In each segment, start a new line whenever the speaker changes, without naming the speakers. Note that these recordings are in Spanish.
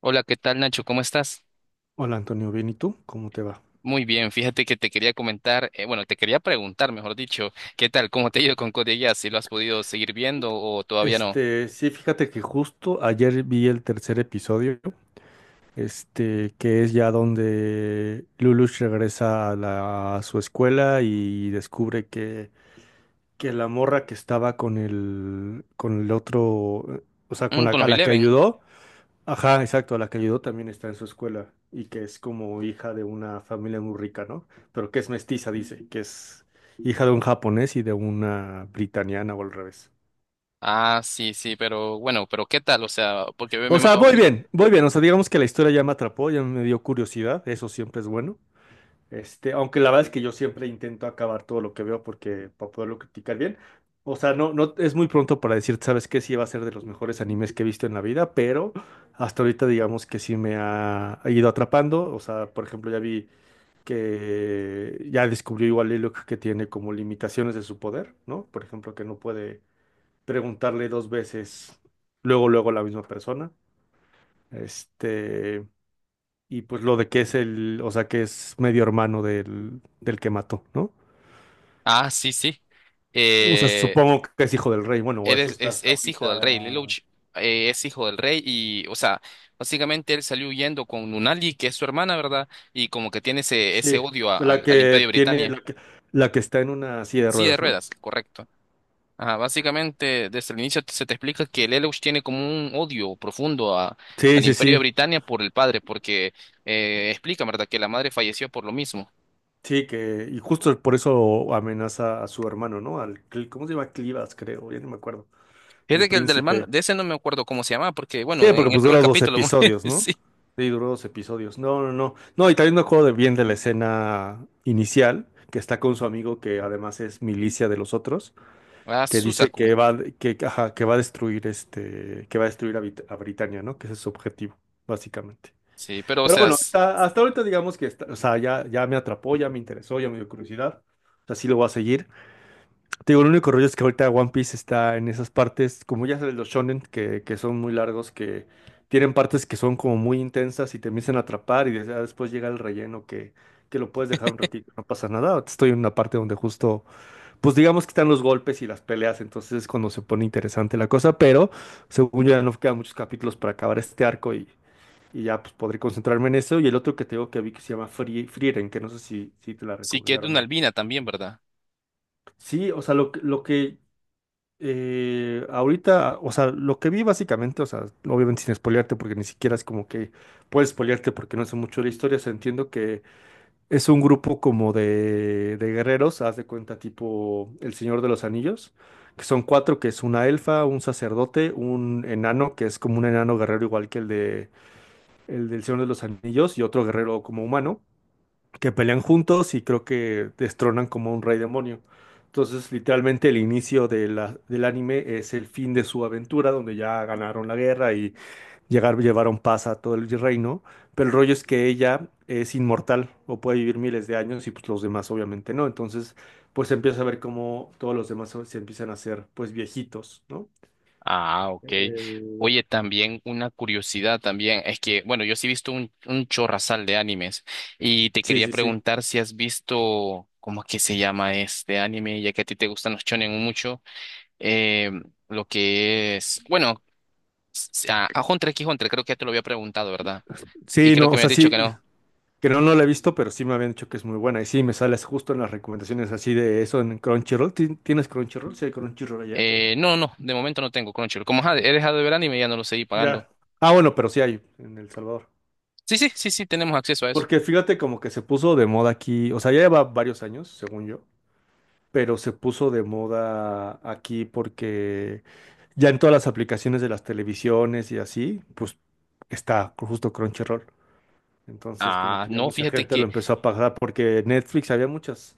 Hola, ¿qué tal, Nacho? ¿Cómo estás?
Hola Antonio, bien, ¿y tú? ¿Cómo te va?
Muy bien, fíjate que te quería comentar, bueno, te quería preguntar, mejor dicho. ¿Qué tal? ¿Cómo te ha ido con Code Geass? ¿Si ¿lo has podido seguir viendo o todavía no?
Sí, fíjate que justo ayer vi el tercer episodio, este, que es ya donde Lulush regresa a, a su escuela y descubre que la morra que estaba con el otro, o sea, con
Mm,
la,
con
a
los
la que
Eleven.
ayudó, ajá, exacto, a la que ayudó también está en su escuela y que es como hija de una familia muy rica, ¿no? Pero que es mestiza, dice, que es hija de un japonés y de una britaniana o al revés.
Ah, sí, sí, pero bueno, pero ¿qué tal? O sea, porque
O sea, voy bien, voy bien. O sea, digamos que la historia ya me atrapó, ya me dio curiosidad, eso siempre es bueno. Este, aunque la verdad es que yo siempre intento acabar todo lo que veo porque para poderlo criticar bien. O sea, no, no es muy pronto para decir, sabes qué, sí va a ser de los mejores animes que he visto en la vida, pero hasta ahorita digamos que sí me ha ido atrapando. O sea, por ejemplo, ya vi que ya descubrió igual Lilock que tiene como limitaciones de su poder, ¿no? Por ejemplo, que no puede preguntarle dos veces luego, luego a la misma persona. Este, y pues lo de que es o sea, que es medio hermano del que mató, ¿no?
ah, sí, sí.
O sea,
Eh,
supongo que es hijo del rey, bueno, o eso
eres,
está hasta
es hijo del rey,
ahorita.
Lelouch, es hijo del rey y, o sea, básicamente él salió huyendo con Lunali, que es su hermana, ¿verdad? Y como que tiene ese
Sí,
odio a-
la
al al Imperio
que tiene, la
Britannia.
que, la que está en una silla de
Sí, de
ruedas, ¿no?
ruedas, correcto. Ajá, básicamente, desde el inicio se te explica que Lelouch tiene como un odio profundo a,
Sí,
al
sí,
Imperio de
sí.
Britania por el padre, porque explica, ¿verdad?, que la madre falleció por lo mismo.
Sí, y justo por eso amenaza a su hermano, ¿no? ¿Cómo se llama? Clivas, creo, ya no me acuerdo. El
Fíjate que el del hermano,
príncipe.
de ese no me acuerdo cómo se llamaba, porque,
Sí,
bueno,
porque
en el
pues
primer
dura dos
capítulo muere,
episodios, ¿no?
sí.
Sí, duró dos episodios. No, no, no. No, y también me acuerdo de bien de la escena inicial, que está con su amigo que además es milicia de los otros,
Ah,
que dice
Susaku.
ajá, que va a destruir este, que va a destruir a Britania, ¿no? Que ese es su objetivo, básicamente.
Sí, pero, o
Pero
sea,
bueno, hasta ahorita digamos que está, o sea, ya me atrapó, ya me interesó, ya me dio curiosidad. O sea, sí lo voy a seguir. Te digo, el único rollo es que ahorita One Piece está en esas partes, como ya sabes, los shonen, que son muy largos, que tienen partes que son como muy intensas y te empiezan a atrapar y ya después llega el relleno que lo puedes dejar un ratito, no pasa nada. Ahorita estoy en una parte donde justo, pues digamos que están los golpes y las peleas, entonces es cuando se pone interesante la cosa, pero según yo ya no quedan muchos capítulos para acabar este arco y ya pues podré concentrarme en eso. Y el otro que te digo que vi que se llama Frieren, que no sé si te la
sí, que es de
recomendaron
una
o no.
albina también, ¿verdad?
Sí, o sea, lo que ahorita, o sea, lo que vi básicamente, o sea, obviamente sin spoilearte, porque ni siquiera es como que puedes spoilearte porque no sé mucho de la historia, o sea, entiendo que es un grupo como de guerreros, haz de cuenta, tipo El Señor de los Anillos, que son cuatro, que es una elfa, un sacerdote, un enano, que es como un enano guerrero igual que el del Señor de los Anillos, y otro guerrero como humano que pelean juntos y creo que destronan como un rey demonio. Entonces, literalmente el inicio de del anime es el fin de su aventura, donde ya ganaron la guerra y llevaron paz a todo el reino. Pero el rollo es que ella es inmortal o puede vivir miles de años y pues los demás obviamente no. Entonces, pues se empieza a ver cómo todos los demás se empiezan a hacer pues viejitos, ¿no?
Ah, ok.
Eh,
Oye, también una curiosidad también es que, bueno, yo sí he visto un chorrasal de animes y te
Sí,
quería
sí, sí.
preguntar si has visto, ¿cómo es que se llama este anime? Ya que a ti te gustan los shonen mucho, eh, lo que es, bueno, a Hunter x Hunter, creo que ya te lo había preguntado, ¿verdad? Y
Sí,
creo
no,
que
o
me has
sea,
dicho que
sí.
no.
Creo no la he visto, pero sí me habían dicho que es muy buena. Y sí, me sales justo en las recomendaciones así de eso en Crunchyroll. ¿Tienes Crunchyroll? Sí, hay Crunchyroll allá.
No, no, de momento no tengo Crunchyroll. Como he dejado de ver anime, ya no lo seguí pagando.
Ya. Ah, bueno, pero sí hay en El Salvador.
Sí, sí, sí, sí, tenemos acceso a eso.
Porque fíjate como que se puso de moda aquí, o sea, ya lleva varios años, según yo, pero se puso de moda aquí porque ya en todas las aplicaciones de las televisiones y así, pues está justo Crunchyroll. Entonces como
Ah,
que ya
no,
mucha
fíjate
gente lo
que
empezó a pagar porque Netflix había muchas.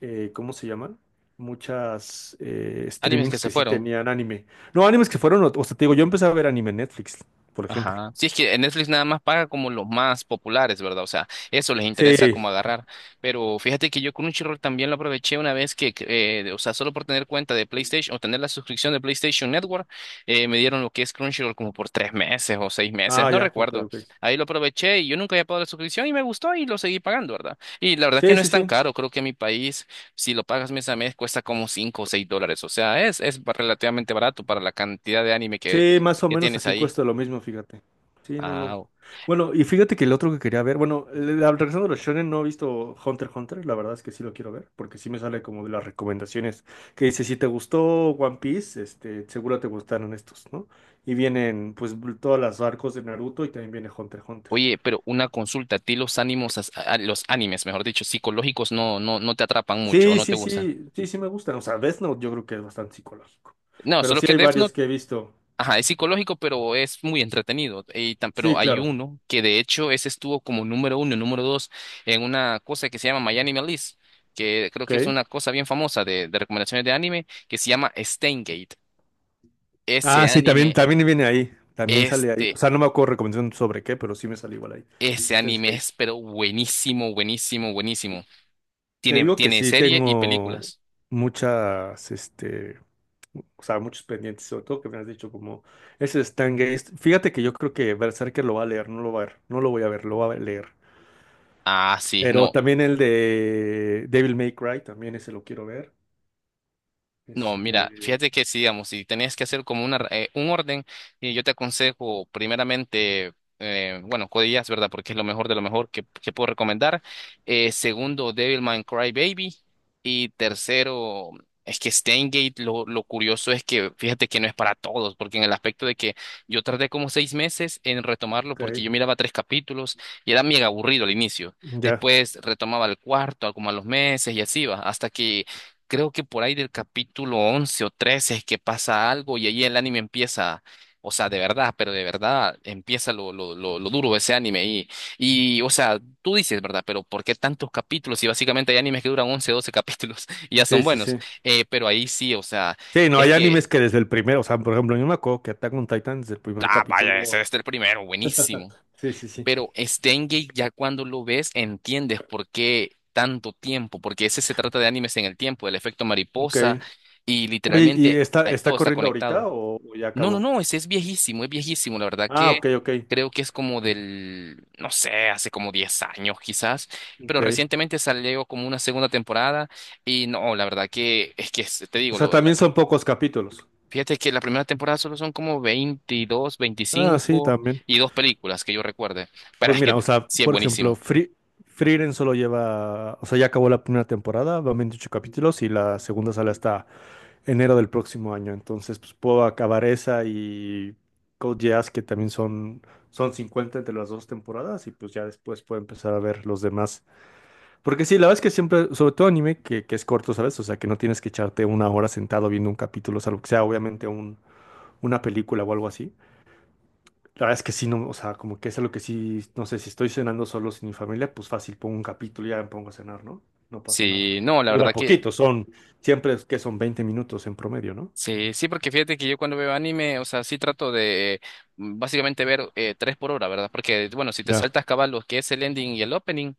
¿Cómo se llaman? Muchas
animes que
streamings
se
que sí
fueron.
tenían anime. No, animes que fueron, o sea, te digo, yo empecé a ver anime en Netflix, por ejemplo.
Ajá. Sí, es que en Netflix nada más paga como los más populares, ¿verdad? O sea, eso les interesa
Sí.
como agarrar. Pero fíjate que yo Crunchyroll también lo aproveché una vez o sea, solo por tener cuenta de PlayStation o tener la suscripción de PlayStation Network, me dieron lo que es Crunchyroll como por 3 meses o 6 meses,
Ah,
no
ya, ok,
recuerdo.
ok.
Ahí lo aproveché y yo nunca había pagado la suscripción y me gustó y lo seguí pagando, ¿verdad? Y la verdad que
Sí,
no es
sí,
tan
sí.
caro, creo que en mi país, si lo pagas mes a mes, cuesta como $5 o $6. O sea, es relativamente barato para la cantidad de anime que,
Sí, más o
que
menos
tienes
aquí
ahí.
cuesta lo mismo, fíjate. Sí, no, no.
Ah,
Bueno, y fíjate que el otro que quería ver, bueno, regresando a los shonen, no he visto Hunter x Hunter, la verdad es que sí lo quiero ver, porque sí me sale como de las recomendaciones que dice, si te gustó One Piece, este, seguro te gustaron estos, ¿no? Y vienen, pues, todas las arcos de Naruto y también viene Hunter x Hunter.
oye, pero una consulta, ¿a ti los ánimos, los animes, mejor dicho, psicológicos no, no, no te atrapan mucho o
Sí,
no te
sí,
gustan?
sí, sí, sí me gustan, o sea, Death Note yo creo que es bastante psicológico,
No,
pero
solo
sí
que
hay
Death
varios
Note,
que he visto.
ajá, es psicológico, pero es muy entretenido. Y pero
Sí,
hay
claro,
uno que de hecho ese estuvo como número 1, número 2 en una cosa que se llama My Anime List, que creo que es
ok.
una cosa bien famosa de recomendaciones de anime, que se llama Steingate. Ese
Ah, sí, también,
anime,
también viene ahí. También sale ahí. O
este,
sea, no me acuerdo recomendación sobre qué, pero sí me sale igual ahí.
ese
Este,
anime es pero buenísimo, buenísimo, buenísimo.
te
Tiene,
digo que
tiene
sí,
serie y
tengo
películas.
muchas, este, o sea, muchos pendientes, sobre todo que me has dicho como ese Stargate. Fíjate que yo creo que Berserker lo va a leer, no lo va a ver, no lo voy a ver, lo va a leer.
Ah, sí,
Pero
no,
también el de Devil May Cry, también ese lo quiero ver.
no, mira,
Este,
fíjate que si, digamos, si tenías que hacer como un orden, y yo te aconsejo primeramente, bueno, Codillas, ¿verdad? Porque es lo mejor de lo mejor que puedo recomendar. Segundo, Devilman Crybaby. Y tercero, es que Steingate, lo curioso es que, fíjate que no es para todos, porque en el aspecto de que yo tardé como 6 meses en retomarlo,
ok,
porque yo miraba tres capítulos y era mega aburrido al inicio.
ya,
Después retomaba el cuarto, como a los meses y así va, hasta que creo que por ahí del capítulo 11 o 13 es que pasa algo y ahí el anime empieza, o sea, de verdad, pero de verdad empieza lo duro de ese anime o sea, tú dices, ¿verdad? Pero ¿por qué tantos capítulos? Y básicamente hay animes que duran 11 12 capítulos y ya son
sí, sí,
buenos,
sí.
pero ahí sí, o sea,
Sí, no,
es
hay animes
que,
que desde el primer, o sea, por ejemplo, yo me acuerdo que Attack on Titan desde el primer
ah, vaya, ese
capítulo.
es el primero, buenísimo.
Sí, sí, sí.
Pero Steingate ya cuando lo ves entiendes por qué tanto tiempo, porque ese se trata de animes en el tiempo, el efecto
Ok.
mariposa y
Oye, ¿y
literalmente
está,
ay,
está
todo está
corriendo ahorita
conectado.
o ya
No, no,
acabó?
no, ese es viejísimo, la verdad
Ah,
que
ok, ok.
creo que es como del, no sé, hace como 10 años quizás, pero
Ok.
recientemente salió como una segunda temporada y no, la verdad que es que te
O
digo.
sea, también son pocos capítulos.
Fíjate que la primera temporada solo son como veintidós
Ah, sí,
veinticinco
también.
y dos películas que yo recuerde. Pero
Pues
es que
mira, o sea,
sí es
por ejemplo,
buenísimo.
Frieren solo lleva, o sea, ya acabó la primera temporada, van 28 capítulos y la segunda sale hasta enero del próximo año. Entonces, pues puedo acabar esa y Code Geass, que también son 50 entre las dos temporadas y pues ya después puedo empezar a ver los demás. Porque sí, la verdad es que siempre, sobre todo anime, que es corto, ¿sabes? O sea, que no tienes que echarte una hora sentado viendo un capítulo, salvo que sea obviamente un, una película o algo así. La verdad es que sí, no, o sea, como que es algo que sí, no sé, si estoy cenando solo sin mi familia, pues fácil, pongo un capítulo y ya me pongo a cenar, ¿no? No pasa nada.
Sí, no, la
Dura
verdad que
poquito, siempre es que son 20 minutos en promedio, ¿no?
sí, sí, porque fíjate que yo cuando veo anime, o sea, sí trato de básicamente ver 3 por hora, ¿verdad? Porque, bueno, si te
Ya.
saltas cabal lo que es el ending y el opening,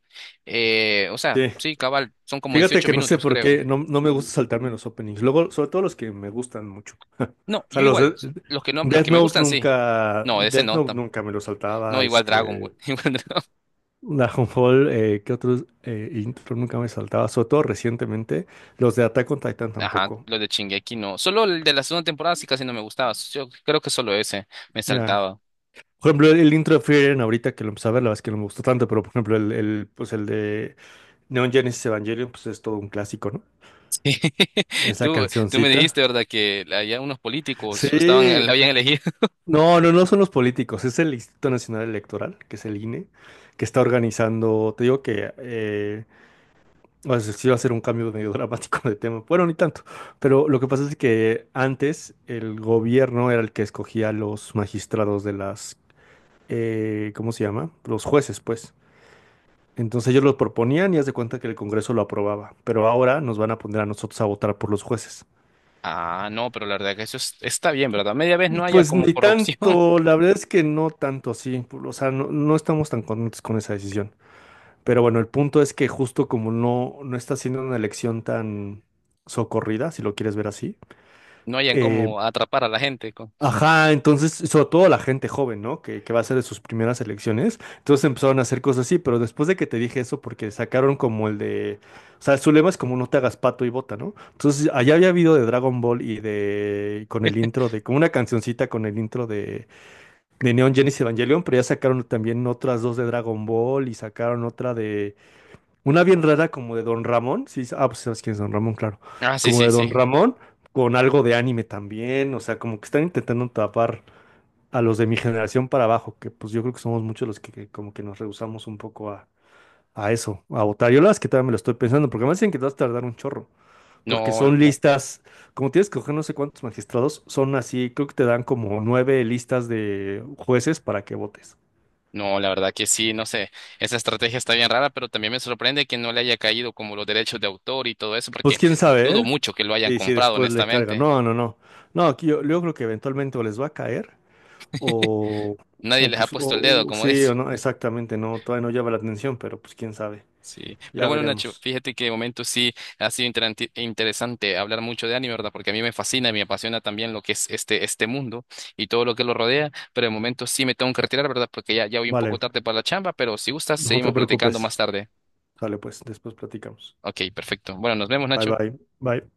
o sea,
Sí.
sí, cabal, son como
Fíjate
18
que no sé
minutos,
por
creo.
qué, no, no me gusta saltarme los openings. Luego, sobre todo los que me gustan mucho.
No,
O sea,
yo
los
igual, los que no, los que me gustan, sí. No, ese
Death
no,
Note nunca me lo
no,
saltaba,
igual Dragon
este,
Ball. Igual.
Dragonfall, ¿qué otros intro nunca me saltaba? Sobre todo recientemente, los de Attack on Titan
Ajá,
tampoco.
los de Shingeki, no. Solo el de la segunda temporada sí casi no me gustaba. Yo creo que solo ese me
Ya.
saltaba.
Por ejemplo, el intro de Frieren ahorita que lo empecé a ver, la verdad es que no me gustó tanto, pero por ejemplo, pues el de Neon Genesis Evangelion, pues es todo un clásico,
Sí.
¿no? Esa
Tú me dijiste,
cancioncita.
¿verdad?, que había unos políticos, estaban, la
Sí.
habían elegido.
No, no, no son los políticos, es el Instituto Nacional Electoral, que es el INE, que está organizando, te digo que o sea, sí va a ser un cambio medio dramático de tema. Bueno, ni tanto. Pero lo que pasa es que antes el gobierno era el que escogía los magistrados de las, ¿cómo se llama? Los jueces, pues. Entonces ellos los proponían y haz de cuenta que el Congreso lo aprobaba. Pero ahora nos van a poner a nosotros a votar por los jueces.
Ah, no, pero la verdad que eso está bien, ¿verdad? Media vez no haya
Pues
como
ni
corrupción,
tanto, la verdad es que no tanto así. O sea, no, no estamos tan contentos con esa decisión. Pero bueno, el punto es que justo como no, no está siendo una elección tan socorrida, si lo quieres ver así.
no hayan
eh,
como atrapar a la gente.
Ajá, entonces, sobre todo la gente joven, ¿no? Que va a ser de sus primeras elecciones. Entonces empezaron a hacer cosas así, pero después de que te dije eso, porque sacaron como el de. O sea, su lema es como no te hagas pato y bota, ¿no? Entonces, allá había habido de Dragon Ball y de. Con el intro de. Como una cancioncita con el intro de. Neon Genesis Evangelion, pero ya sacaron también otras dos de Dragon Ball y sacaron otra de. Una bien rara como de Don Ramón. Sí, ah, pues sabes quién es Don Ramón, claro.
Ah, sí,
Como
sí,
de Don
sí.
Ramón. Con algo de anime también, o sea, como que están intentando tapar a los de mi generación para abajo, que pues yo creo que somos muchos los que como que nos rehusamos un poco a eso, a votar. Yo la verdad es que todavía me lo estoy pensando, porque me dicen que te vas a tardar un chorro, porque
No,
son listas, como tienes que coger no sé cuántos magistrados, son así, creo que te dan como nueve listas de jueces para que votes.
no, la verdad que sí, no sé. Esa estrategia está bien rara, pero también me sorprende que no le haya caído como los derechos de autor y todo eso,
Pues
porque
quién sabe,
dudo
¿eh?
mucho que lo hayan
Y si
comprado,
después le carga.
honestamente.
No, no, no. No, aquí yo creo que eventualmente o les va a caer o,
Nadie
o
les ha
pues
puesto el dedo,
o-
como
sí
dice.
o no, exactamente, no, todavía no llama la atención, pero pues quién sabe.
Sí, pero
Ya
bueno, Nacho,
veremos.
fíjate que de momento sí ha sido interesante hablar mucho de anime, ¿verdad? Porque a mí me fascina y me apasiona también lo que es este mundo y todo lo que lo rodea, pero de momento sí me tengo que retirar, ¿verdad? Porque ya, ya voy un poco
Vale.
tarde para la chamba, pero si gustas,
No te
seguimos platicando
preocupes.
más tarde.
Sale pues, después platicamos.
Ok, perfecto. Bueno, nos vemos,
Bye
Nacho.
bye. Bye.